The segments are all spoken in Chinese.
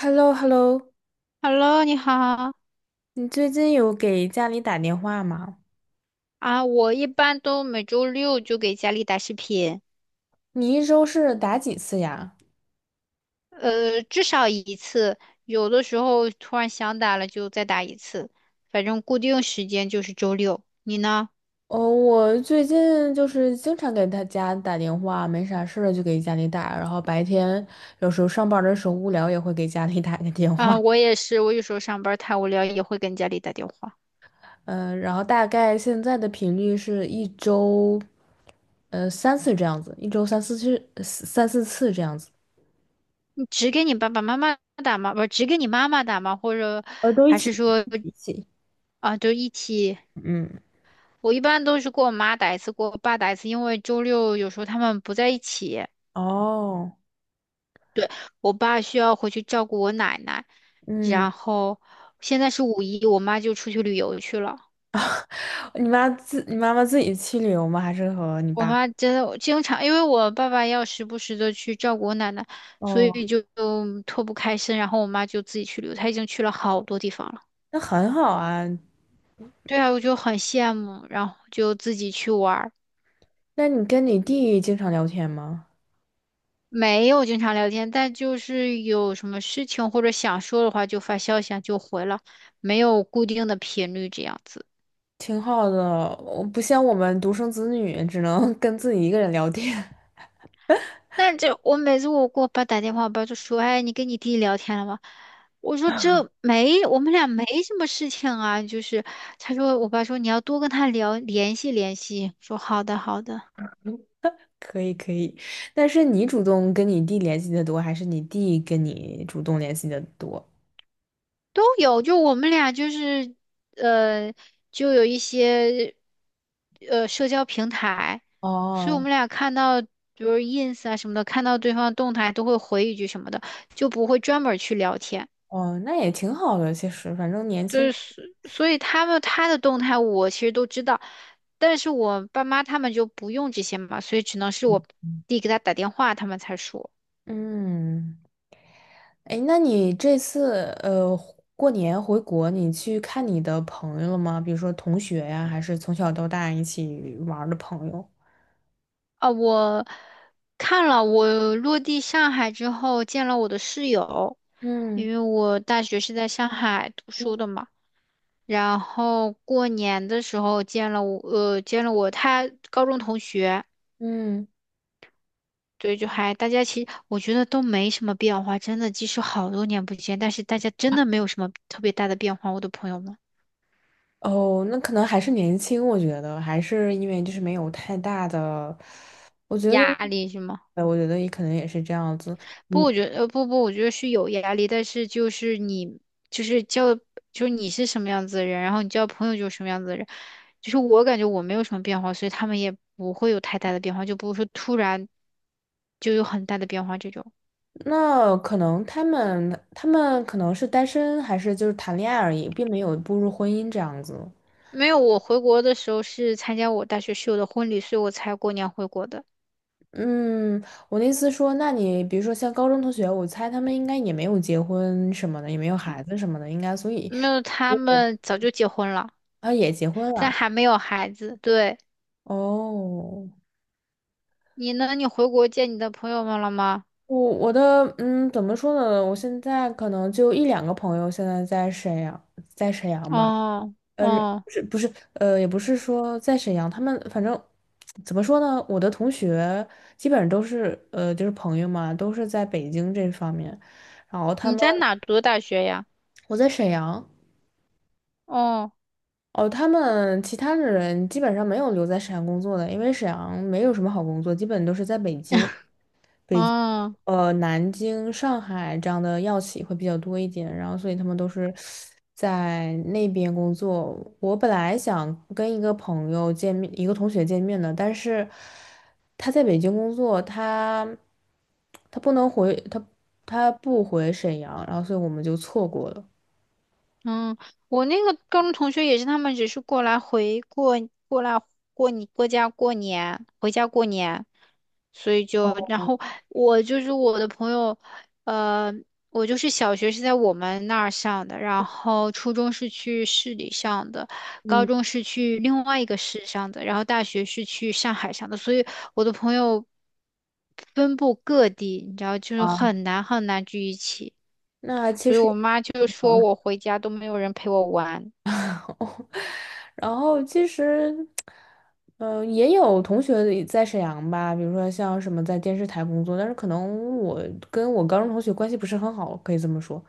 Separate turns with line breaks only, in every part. h e l l o hello
Hello，你好
你最近有给家里打电话吗？
啊！我一般都每周六就给家里打视频，
你一周是打几次呀？
至少一次，有的时候突然想打了就再打一次，反正固定时间就是周六。你呢？
哦，我最近就是经常给他家打电话，没啥事儿就给家里打，然后白天有时候上班的时候无聊也会给家里打个电话。
啊，我也是，我有时候上班太无聊也会跟家里打电话。
嗯、然后大概现在的频率是一周，三次这样子，一周三四次，三四次这样子。
你只给你爸爸妈妈打吗？不是，只给你妈妈打吗？或者
都一
还
起
是说
一起。
啊，就一起？
嗯，
我一般都是给我妈打一次，给我爸打一次，因为周六有时候他们不在一起。
哦，
对，我爸需要回去照顾我奶奶，
嗯。
然后现在是五一，我妈就出去旅游去了。
你妈妈自己去旅游吗？还是和你
我
爸？
妈真的经常，因为我爸爸要时不时的去照顾我奶奶，所
哦，
以就嗯脱不开身，然后我妈就自己去旅游，她已经去了好多地方了。
那很好啊。
对啊，我就很羡慕，然后就自己去玩儿，
那你跟你弟经常聊天吗？
没有经常聊天，但就是有什么事情或者想说的话就发消息啊，就回了，没有固定的频率这样子。
挺好的，我不像我们独生子女，只能 跟自己一个人聊天。
但这我每次我给我爸打电话，我爸就说：“哎，你跟你弟聊天了吗？”我说：“这没，我们俩没什么事情啊。”就是他说，我爸说你要多跟他聊，联系联系。说好的好的，
可以可以，但是你主动跟你弟联系的多，还是你弟跟你主动联系的多？
都有。就我们俩就是呃，就有一些社交平台，所以我
哦
们俩看到比如 ins 啊什么的，看到对方动态都会回一句什么的，就不会专门儿去聊天。
哦，那也挺好的，其实反正年
就
轻
是
人
所以他们他的动态我其实都知道，但是我爸妈他们就不用这些嘛，所以只能是我弟给他打电话，他们才说。
嗯。哎，那你这次过年回国，你去看你的朋友了吗？比如说同学呀，还是从小到大一起玩儿的朋友？
啊，我看了，我落地上海之后见了我的室友，
嗯，
因为我大学是在上海读书的嘛，然后过年的时候见了我，见了我他高中同学。
嗯，
对，就还大家其实我觉得都没什么变化，真的，即使好多年不见，但是大家真的没有什么特别大的变化。我的朋友们，
哦，那可能还是年轻，我觉得还是因为就是没有太大的，我觉得，
压力是吗？
我觉得也可能也是这样子。
不，
嗯，
我觉得不不，我觉得是有压力，但是就是你就是交就是你是什么样子的人，然后你交朋友就是什么样子的人，就是我感觉我没有什么变化，所以他们也不会有太大的变化，就不会说突然就有很大的变化这种。
那可能他们可能是单身，还是就是谈恋爱而已，并没有步入婚姻这样子。
没有，我回国的时候是参加我大学室友的婚礼，所以我才过年回国的。
嗯，我的意思说，那你比如说像高中同学，我猜他们应该也没有结婚什么的，也没有孩子什么的，应该，所以
没有，他们早就结婚了，
他也结婚
但
了。
还没有孩子。对，
哦，
你呢？你回国见你的朋友们了吗？
我的嗯，怎么说呢？我现在可能就一两个朋友现在在沈阳，在沈阳吧。
哦
呃，
哦，
不是,也不是说在沈阳，他们反正怎么说呢？我的同学基本上都是就是朋友嘛，都是在北京这方面，然后他
你
们
在哪读的大学呀？
我在沈阳。
哦
哦，他们其他的人基本上没有留在沈阳工作的，因为沈阳没有什么好工作，基本都是在北京、北京、
哦。
呃南京、上海这样的药企会比较多一点，然后所以他们都是在那边工作。我本来想跟一个朋友见面，一个同学见面的，但是他在北京工作，他不能回，他不回沈阳，然后所以我们就错过了。
嗯，我那个高中同学也是，他们只是过来回过来过你过家过年，回家过年，所以就然后我就是我的朋友，呃，我就是小学是在我们那儿上的，然后初中是去市里上的，高
嗯
中是去另外一个市上的，然后大学是去上海上的，所以我的朋友分布各地，你知道，就是
啊，
很难很难聚一起。
那其
所以
实。
我妈就说我回家都没有人陪我玩。
然后其实，嗯、也有同学也在沈阳吧，比如说像什么在电视台工作，但是可能我跟我高中同学关系不是很好，可以这么说。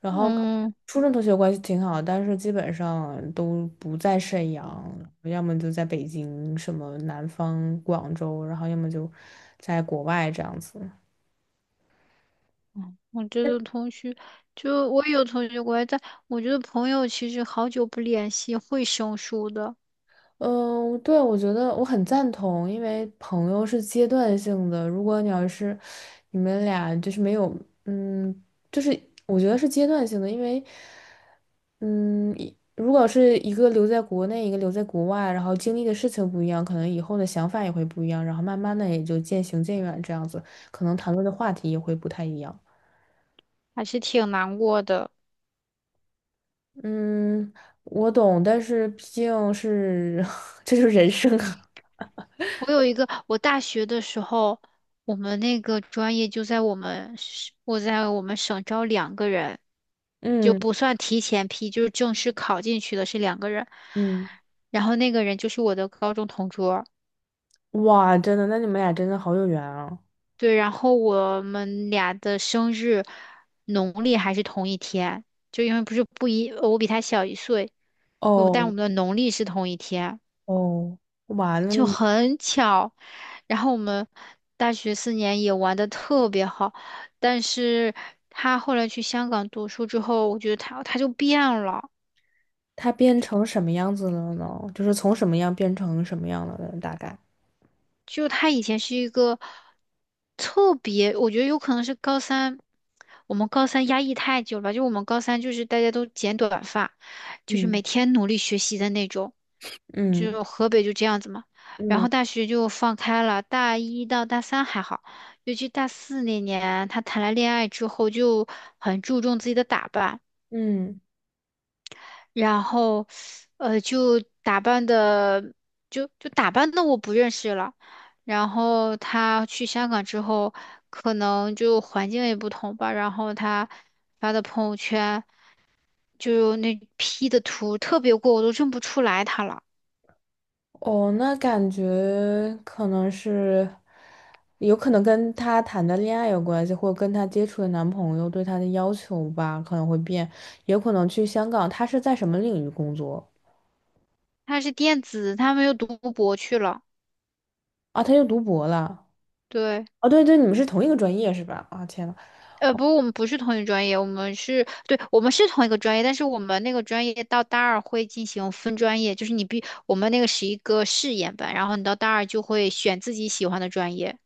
然后
嗯，
初中同学关系挺好，但是基本上都不在沈阳，要么就在北京、什么南方、广州，然后要么就在国外这样子。
嗯我这个同学，就我有同学过来，但我觉得朋友其实好久不联系会生疏的，
嗯，对，我觉得我很赞同，因为朋友是阶段性的。如果你要是你们俩就是没有，嗯，就是我觉得是阶段性的，因为，嗯，一如果是一个留在国内，一个留在国外，然后经历的事情不一样，可能以后的想法也会不一样，然后慢慢的也就渐行渐远这样子，可能谈论的话题也会不太一样。
还是挺难过的。
嗯，我懂，但是毕竟是 这就是人生啊。
我有一个，我大学的时候，我们那个专业就在我们省我在我们省招两个人，就
嗯
不算提前批，就是正式考进去的是两个人。
嗯。
然后那个人就是我的高中同桌。
哇，真的，那你们俩真的好有缘啊！
对，然后我们俩的生日农历还是同一天，就因为不是不一，呃我比他小一岁，但我
哦
们的农历是同一天，
哦，哇，那
就
你
很巧。然后我们大学四年也玩的特别好，但是他后来去香港读书之后，我觉得他就变了。
他变成什么样子了呢？就是从什么样变成什么样了呢？大概，
就他以前是一个特别，我觉得有可能是高三，我们高三压抑太久了，就我们高三就是大家都剪短发，就是每
嗯
天努力学习的那种，
嗯
就河北就这样子嘛。然
嗯
后大学就放开了，大一到大三还好，尤其大四那年，他谈了恋爱之后就很注重自己的打扮，
嗯，
然后，就打扮的，就打扮的我不认识了。然后他去香港之后，可能就环境也不同吧。然后他发的朋友圈，就那 P 的图特别过，我都认不出来他了。
哦，那感觉可能是有可能跟他谈的恋爱有关系，或者跟他接触的男朋友对他的要求吧，可能会变，也有可能去香港。他是在什么领域工作
他是电子，他们又读博去了。
啊？他又读博了？
对。
哦，对对，你们是同一个专业是吧？啊，天呐。
不，我们不是同一专业，我们是，对，我们是同一个专业，但是我们那个专业到大二会进行分专业，就是你必，我们那个是一个试验班，然后你到大二就会选自己喜欢的专业。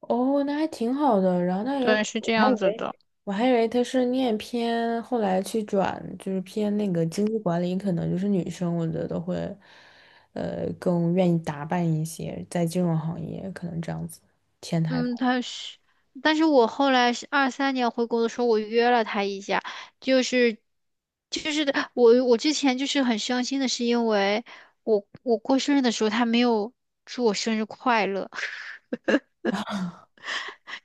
哦，那还挺好的。然后那有，
对，是
我
这
还以
样子
为
的。
他是念偏，后来去转就是偏那个经济管理，可能就是女生，我觉得会，更愿意打扮一些，在金融行业可能这样子，前台。
嗯，他是，但是我后来是二三年回国的时候，我约了他一下，就是，就是的我之前就是很伤心的是因为我过生日的时候他没有祝我生日快乐，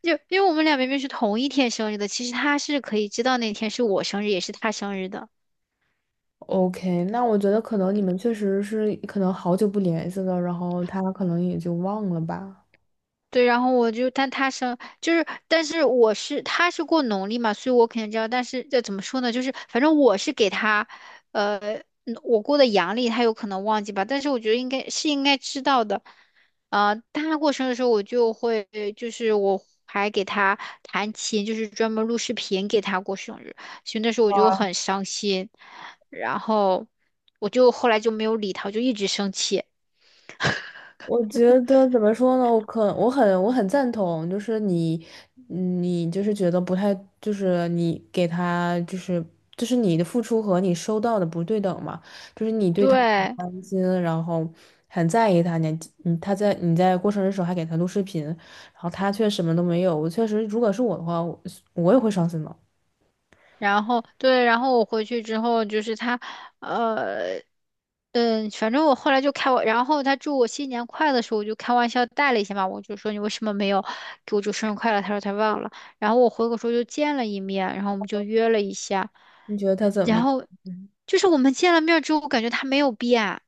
就因为我们俩明明是同一天生日的，其实他是可以知道那天是我生日，也是他生日的。
OK,那我觉得可能你们确实是可能好久不联系了，然后他可能也就忘了吧。
对，然后我就，但他生就是，但是他是过农历嘛，所以我肯定知道。但是这怎么说呢？就是反正我是给他，呃，我过的阳历，他有可能忘记吧。但是我觉得应该是应该知道的。他过生日的时候，我就会就是我还给他弹琴，就是专门录视频给他过生日，所以那时候我就很伤心，然后我就后来就没有理他，我就一直生气。
我觉得怎么说呢？我很赞同，就是你，你就是觉得不太，就是你给他就是就是你的付出和你收到的不对等嘛，就是你对他很
对，
关心，然后很在意他，你在过生日的时候还给他录视频，然后他却什么都没有，我确实如果是我的话，我也会伤心的。
然后我回去之后就是他，呃，反正我后来就开我，然后他祝我新年快乐的时候，我就开玩笑带了一下嘛，我就说你为什么没有给我祝生日快乐？他说他忘了。然后我回国时候就见了一面，然后我们就约了一下，
你觉得他怎么
然
样？
后
嗯
就是我们见了面之后，我感觉他没有变。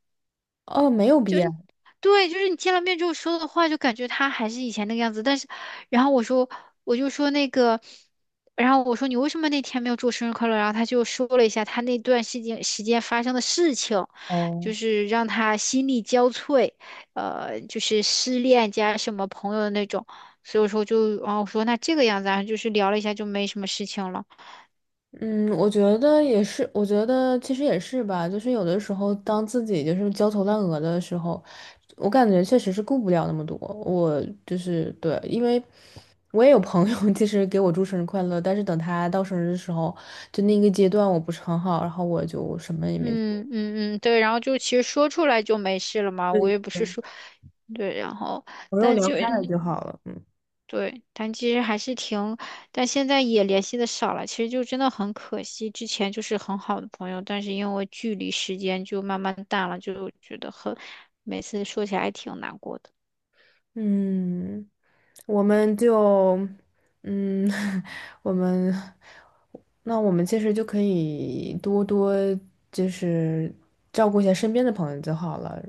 哦，没有必要。
嗯，对，就是你见了面之后说的话，就感觉他还是以前那个样子。但是，然后我说，我就说那个，然后我说你为什么那天没有祝我生日快乐？然后他就说了一下他那段时间发生的事情，就是让他心力交瘁，就是失恋加什么朋友的那种。所以我说就，然后我说那这个样子啊，就是聊了一下就没什么事情了。
嗯，我觉得也是，我觉得其实也是吧，就是有的时候当自己就是焦头烂额的时候，我感觉确实是顾不了那么多。我就是对，因为我也有朋友 其实给我祝生日快乐，但是等他到生日的时候，就那个阶段我不是很好，然后我就什么也没做，
嗯嗯嗯，对，然后就其实说出来就没事了嘛，我也不是说，对，然后。但就
看着就好了。
对，但其实还是挺，但现在也联系的少了，其实就真的很可惜。之前就是很好的朋友，但是因为距离时间就慢慢淡了，就觉得很，每次说起来还挺难过的。
嗯，我们就，嗯，我们，那我们其实就可以多多就是照顾一下身边的朋友就好了。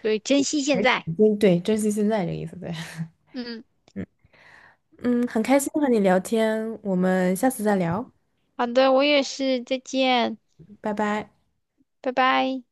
对，珍惜现在。
嗯对，珍惜现在这个意思，对。
嗯，
嗯，很开
那
心和你聊天，我们下次再聊，
好的，我也是，再见，
拜拜。
拜拜。